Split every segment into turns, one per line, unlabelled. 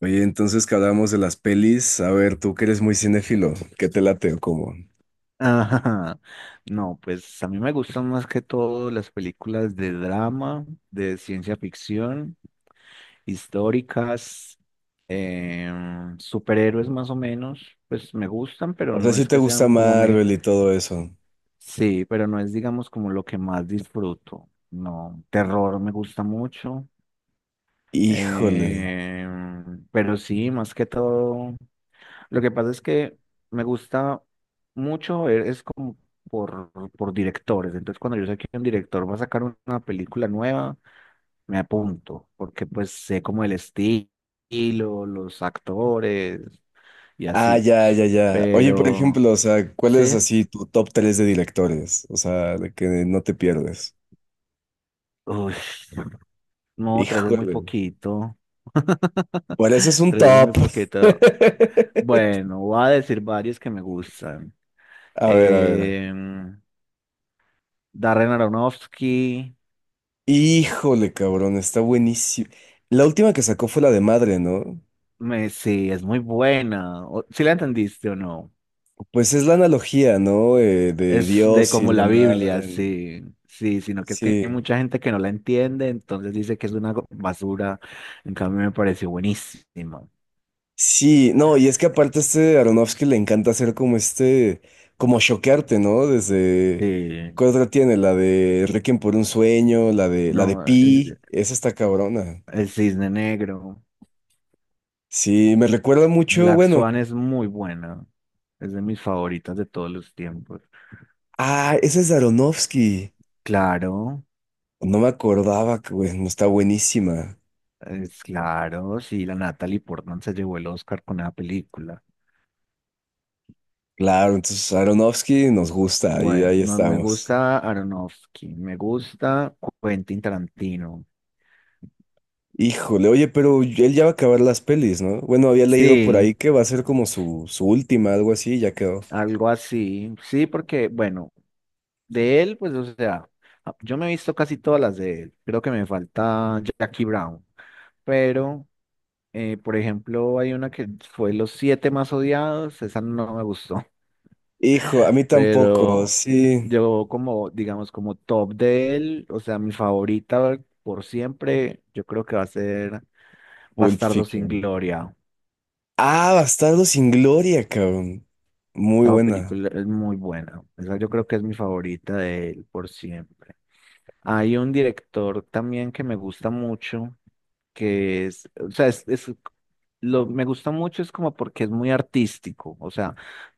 Oye, entonces que hablábamos de las pelis, a ver, tú que eres muy cinéfilo, ¿qué te late o cómo?
Ajá. No, pues a mí me gustan más que todo las películas de drama, de ciencia ficción, históricas, superhéroes más o menos, pues me gustan, pero
O sea,
no
si
es
te
que
gusta
sean como me...
Marvel y todo eso.
Sí, pero no es digamos como lo que más disfruto. No, terror me gusta mucho,
Híjole.
pero sí, más que todo lo que pasa es que me gusta mucho ver, es como por, por directores. Entonces, cuando yo sé que un director va a sacar una película nueva, me apunto, porque pues sé como estilo, los actores y
Ah,
así.
ya, ya, ya. Oye, por
Pero,
ejemplo, o sea, ¿cuál es
sí,
así tu top 3 de directores? O sea, de que no te pierdes.
uy, no, tres es muy
Híjole.
poquito.
Por eso es un
Tres es muy
top.
poquito. Bueno, voy a decir varios que me gustan.
A ver, a ver.
Em, Darren Aronofsky.
Híjole, cabrón, está buenísimo. La última que sacó fue la de madre, ¿no?
Sí, es muy buena. ¿Si ¿Sí la entendiste o no?
Pues es la analogía, ¿no? De
Es de
Dios y
como
la
la Biblia,
madre.
sí, sí, sino que es que hay
Sí.
mucha gente que no la entiende, entonces dice que es una basura. En cambio, me pareció buenísima.
Sí, no, y es que aparte a este Aronofsky le encanta hacer como este, como choquearte, ¿no? Desde,
Sí,
¿cuál otra tiene? La de Requiem por un sueño, la de
no, es-
Pi, esa está cabrona.
el Cisne Negro.
Sí, me recuerda mucho,
Black
bueno,
Swan es muy buena. Es de mis favoritas de todos los tiempos.
ah, esa es de Aronofsky.
Claro,
No me acordaba que, bueno, está buenísima.
claro, sí, la Natalie Portman se llevó el Oscar con esa película.
Claro, entonces Aronofsky nos gusta y
Bueno,
ahí
no me
estamos.
gusta Aronofsky, me gusta Quentin Tarantino.
Híjole, oye, pero él ya va a acabar las pelis, ¿no? Bueno, había leído por
Sí,
ahí que va a ser como su última, algo así, ya quedó.
algo así. Sí, porque, bueno, de él, pues, o sea, yo me he visto casi todas las de él. Creo que me falta Jackie Brown. Pero, por ejemplo, hay una que fue Los Siete Más Odiados. Esa no me gustó.
Hijo, a mí tampoco,
Pero
sí.
yo como, digamos, como top de él, o sea, mi favorita por siempre, yo creo que va a ser
Pulp
Bastardo sin
Fiction.
Gloria.
Ah, Bastardo sin Gloria, cabrón. Muy
Esa
buena.
película es muy buena. Esa yo creo que es mi favorita de él por siempre. Hay un director también que me gusta mucho, que es, o sea, lo me gusta mucho es como porque es muy artístico, o sea,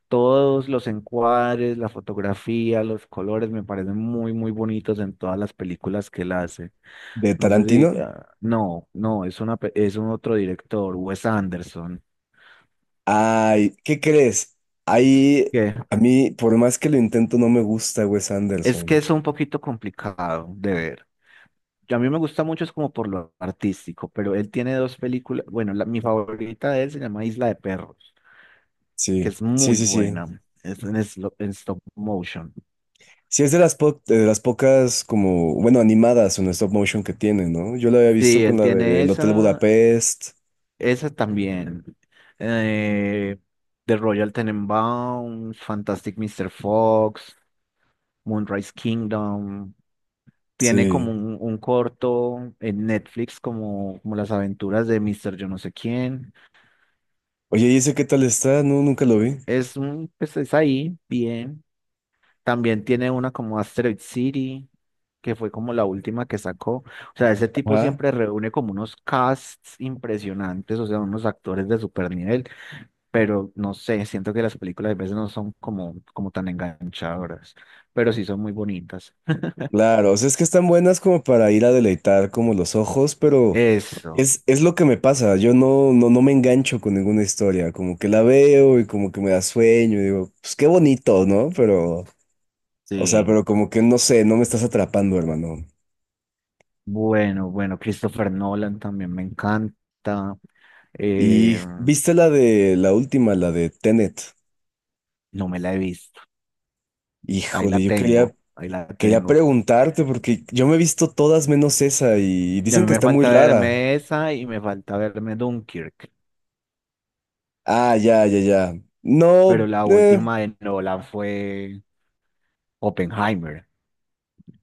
todos los encuadres, la fotografía, los colores me parecen muy, muy bonitos en todas las películas que él hace.
¿De
No sé si,
Tarantino?
ah, no, no, es una, pe- es un otro director, Wes Anderson.
Ay, ¿qué crees? Ahí,
¿Qué?
a mí, por más que lo intento, no me gusta Wes
Es que
Anderson.
es un poquito complicado de ver. A mí me gusta mucho, es como por lo artístico, pero él tiene dos películas. Bueno, mi favorita de él se llama Isla de Perros, que
Sí,
es
sí,
muy
sí, sí.
buena. Es en stop motion.
Sí, es de las, de las pocas, como, bueno, animadas en stop motion que tiene, ¿no? Yo lo había visto
Sí,
con
él
la
tiene
del Hotel
esa,
Budapest.
esa también. Eh, The Royal Tenenbaums, Fantastic Mr. Fox, Moonrise Kingdom. Tiene como
Sí.
un corto en Netflix, como las aventuras de Mister yo no sé quién.
Oye, ¿y ese qué tal está? No, nunca lo vi.
Es un, pues es ahí, bien. También tiene una como Asteroid City, que fue como la última que sacó. O sea, ese tipo
Ajá.
siempre reúne como unos casts impresionantes, o sea, unos actores de super nivel, pero no sé, siento que las películas a veces no son como, como tan enganchadoras, pero sí son muy bonitas.
Claro, o sea, es que están buenas como para ir a deleitar como los ojos, pero
Eso,
es lo que me pasa. Yo no, no, no me engancho con ninguna historia, como que la veo y como que me da sueño y digo, pues qué bonito, ¿no? Pero, o sea,
sí.
pero como que no sé, no me estás atrapando, hermano.
Bueno, Christopher Nolan también me encanta.
Y
Eh,
viste la de la última, la de Tenet.
no me la he visto. Ahí la
Híjole, yo quería,
tengo, ahí la
quería
tengo.
preguntarte porque yo me he visto todas menos esa y
Y a
dicen
mí
que
me
está muy
falta
rara.
verme esa y me falta verme Dunkirk.
Ah, ya, ya, ya. No,
Pero la última de Nolan fue Oppenheimer.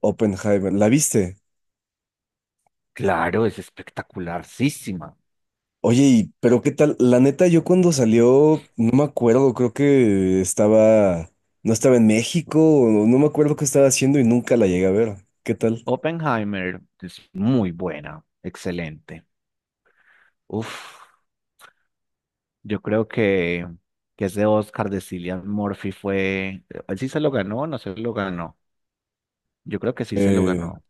Oppenheimer, ¿la viste?
Claro, es espectacularísima.
Oye, pero qué tal, la neta, yo cuando salió, no me acuerdo, creo que estaba, no estaba en México, o no me acuerdo qué estaba haciendo y nunca la llegué a ver. ¿Qué tal?
Oppenheimer es muy buena, excelente. Uf, yo creo que ese Oscar de Cillian Murphy fue, él sí se lo ganó, o no se lo ganó. Yo creo que sí se lo
Eh,
ganó.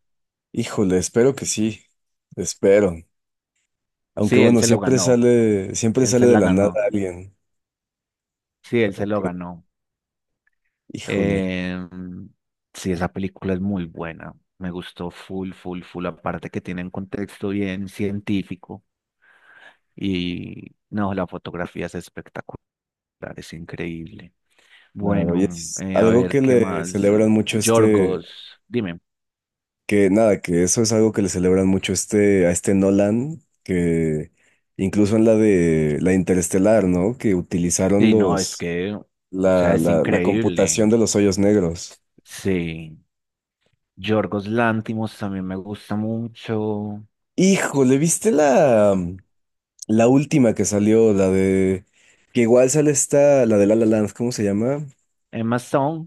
híjole, espero que sí, espero. Aunque
Sí, él
bueno,
se lo ganó.
siempre
Él se
sale de
la
la nada
ganó.
alguien.
Sí, él se
Ok,
lo ganó.
híjole,
Em, sí, esa película es muy buena. Me gustó full, full, full. Aparte que tiene un contexto bien científico. Y no, la fotografía es espectacular, es increíble.
claro, y
Bueno,
es
a
algo
ver,
que
¿qué
le
más?
celebran mucho este,
Yorgos, dime.
que nada, que eso es algo que le celebran mucho este, a este Nolan, que incluso en la de la Interestelar, ¿no? Que utilizaron
Sí, no, es
los,
que, o sea,
la,
es
la, la
increíble.
computación de los hoyos negros.
Sí. Yorgos Lántimos también me gusta mucho.
Híjole, ¿viste la, la última que salió? La de, que igual sale esta, la de La La Land, ¿cómo se llama?
Emma Stone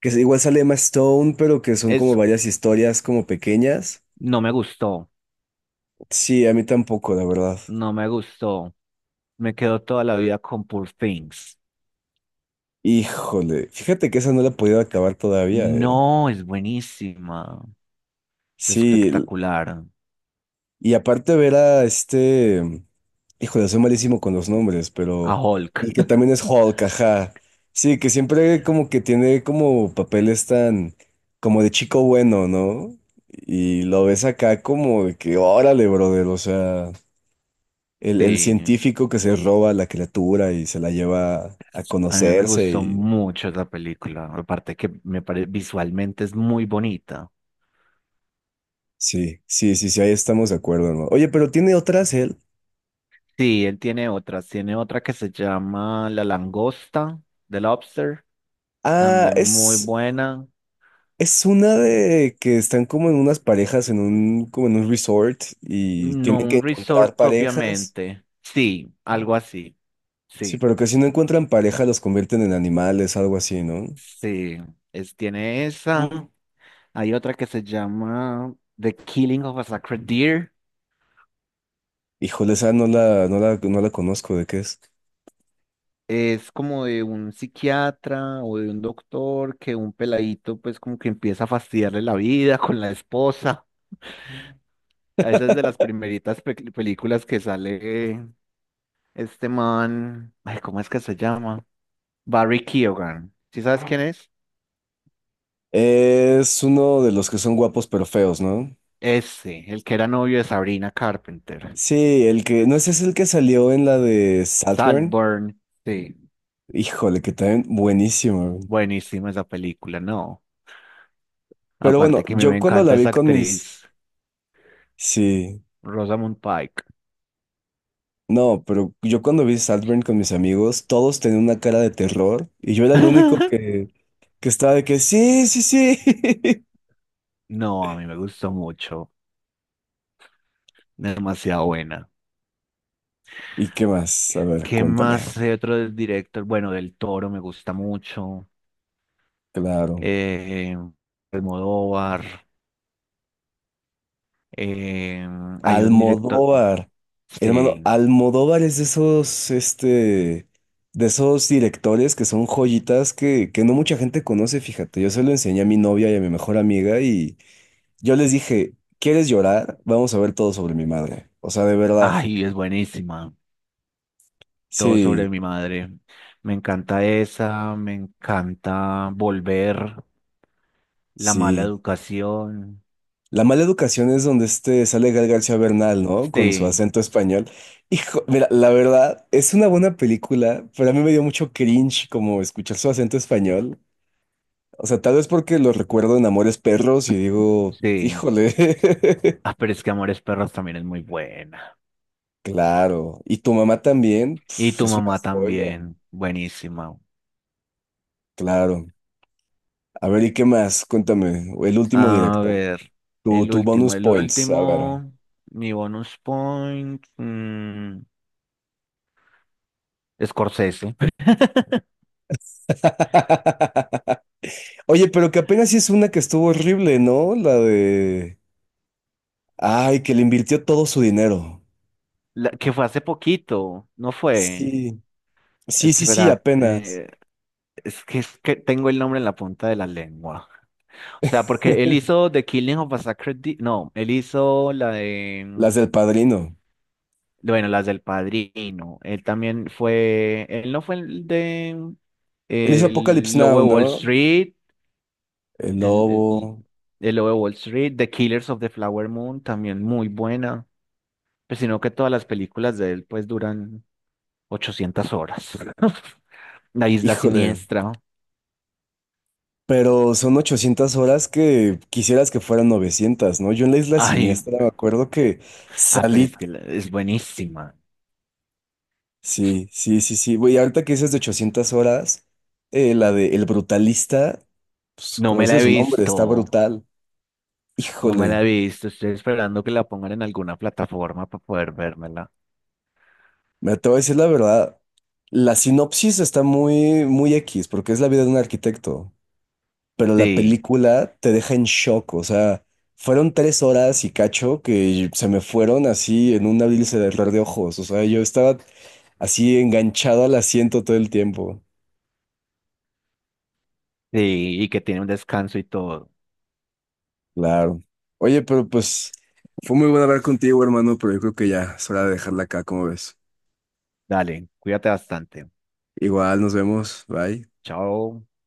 Que igual sale Emma Stone, pero que son como
es,
varias historias como pequeñas.
no me gustó,
Sí, a mí tampoco, la verdad.
no me gustó. Me quedo toda la vida con Poor Things.
Híjole, fíjate que esa no la he podido acabar todavía, ¿eh?
No, es buenísima. Es
Sí,
espectacular.
y aparte ver a este, híjole, soy malísimo con los nombres,
A
pero
Hulk.
el que también es Hulk, ajá. Sí, que siempre como que tiene como papeles tan como de chico bueno, ¿no? Y lo ves acá como de que órale, brother, o sea, el
Sí,
científico que se roba a la criatura y se la lleva a
a mí me
conocerse
gustó
y
mucho esa película. Aparte que visualmente es muy bonita.
sí, sí, sí, sí, ahí estamos de acuerdo, ¿no? Oye, pero tiene otras él.
Sí, él tiene otras. Tiene otra que se llama La Langosta, The Lobster.
Ah,
También muy
es.
buena.
Es una de que están como en unas parejas en un, como en un resort y
No
tienen que
un
encontrar
resort
parejas.
propiamente. Sí, algo así.
Sí,
Sí,
pero que si no encuentran pareja los convierten en animales, algo así, ¿no?
sí. Es, tiene esa. Hay otra que se llama The Killing of a Sacred Deer.
Híjole, esa no la conozco, ¿de qué es?
Es como de un psiquiatra o de un doctor que un peladito pues como que empieza a fastidiarle la vida con la esposa. Esa es de las primeritas películas que sale este man. Ay, ¿cómo es que se llama? Barry Keoghan. ¿Sí sabes quién es?
Es uno de los que son guapos pero feos, ¿no?
Ese, el que era novio de Sabrina Carpenter.
Sí, el que, no ese es el que salió en la de Saltburn.
Saltburn, sí,
Híjole, que también buenísimo.
buenísima esa película, no.
Pero bueno,
Aparte que a mí me
yo cuando la
encanta
vi
esa
con mis,
actriz,
sí.
Rosamund Pike.
No, pero yo cuando vi Saltburn con mis amigos, todos tenían una cara de terror y yo era el único que estaba de que sí, sí, sí.
No, a mí me gustó mucho, demasiado buena.
¿Y qué más? A ver,
¿Qué
cuéntame.
más de otro director? Bueno, del Toro me gusta mucho.
Claro.
Eh, Almodóvar. Eh, hay un director,
Almodóvar. Hermano,
sí.
Almodóvar es de esos, este, de esos directores que son joyitas que no mucha gente conoce, fíjate. Yo se lo enseñé a mi novia y a mi mejor amiga y yo les dije, ¿quieres llorar? Vamos a ver todo sobre mi madre. O sea, de verdad.
Ay, es buenísima. Todo
Sí,
sobre mi madre. Me encanta esa, me encanta volver, la mala
sí.
educación.
La mala educación es donde este sale Gal García Bernal, ¿no? Con su
Sí,
acento español. Hijo, mira, la verdad, es una buena película, pero a mí me dio mucho cringe como escuchar su acento español. O sea, tal vez porque lo recuerdo en Amores Perros y digo,
sí.
híjole.
Ah, pero es que Amores Perros también es muy buena.
Claro. Y tu mamá también,
Y
pf,
tu
es una
mamá
joya.
también, buenísima.
Claro. A ver, ¿y qué más? Cuéntame. El último
A
directo.
ver,
Tu, tu bonus
el
points, a ver.
último, mi bonus point, Scorsese.
Oye, pero que apenas sí es una que estuvo horrible, ¿no? La de... Ay, que le invirtió todo su dinero.
La, que fue hace poquito, no fue.
Sí, sí, sí, sí,
Espera,
apenas.
eh, es que tengo el nombre en la punta de la lengua. O sea, porque él hizo The Killing of a Sacred Deer. No, él hizo la de.
Las del Padrino.
Bueno, las del Padrino. Él también fue. Él no fue el de.
Él hizo Apocalypse
El Lobo
Now,
de Wall
¿no?
Street.
El
El, el,
Lobo.
el Lobo de Wall Street. The Killers of the Flower Moon. También muy buena. Pero sino que todas las películas de él, pues, duran 800 horas. La Isla
Híjole.
Siniestra.
Pero son 800 horas que quisieras que fueran 900, ¿no? Yo en la Isla
Ay,
Siniestra me acuerdo que
pero
salí.
es que es buenísima.
Sí, sí, sí, sí. Güey, ahorita que dices de 800 horas, la de El Brutalista, pues
No
como
me
dice
la he
su nombre,
visto.
está brutal.
No me la
Híjole.
he visto, estoy esperando que la pongan en alguna plataforma para poder vérmela.
Me te voy a decir la verdad. La sinopsis está muy, muy X, porque es la vida de un arquitecto. Pero la
Sí,
película te deja en shock. O sea, fueron 3 horas y cacho que se me fueron así en un abrir y cerrar de ojos. O sea, yo estaba así enganchado al asiento todo el tiempo.
sí, y que tiene un descanso y todo.
Claro. Oye, pero pues fue muy bueno hablar contigo, hermano, pero yo creo que ya es hora de dejarla acá, ¿como ves?
Dale, cuídate bastante.
Igual, nos vemos. Bye.
Chao.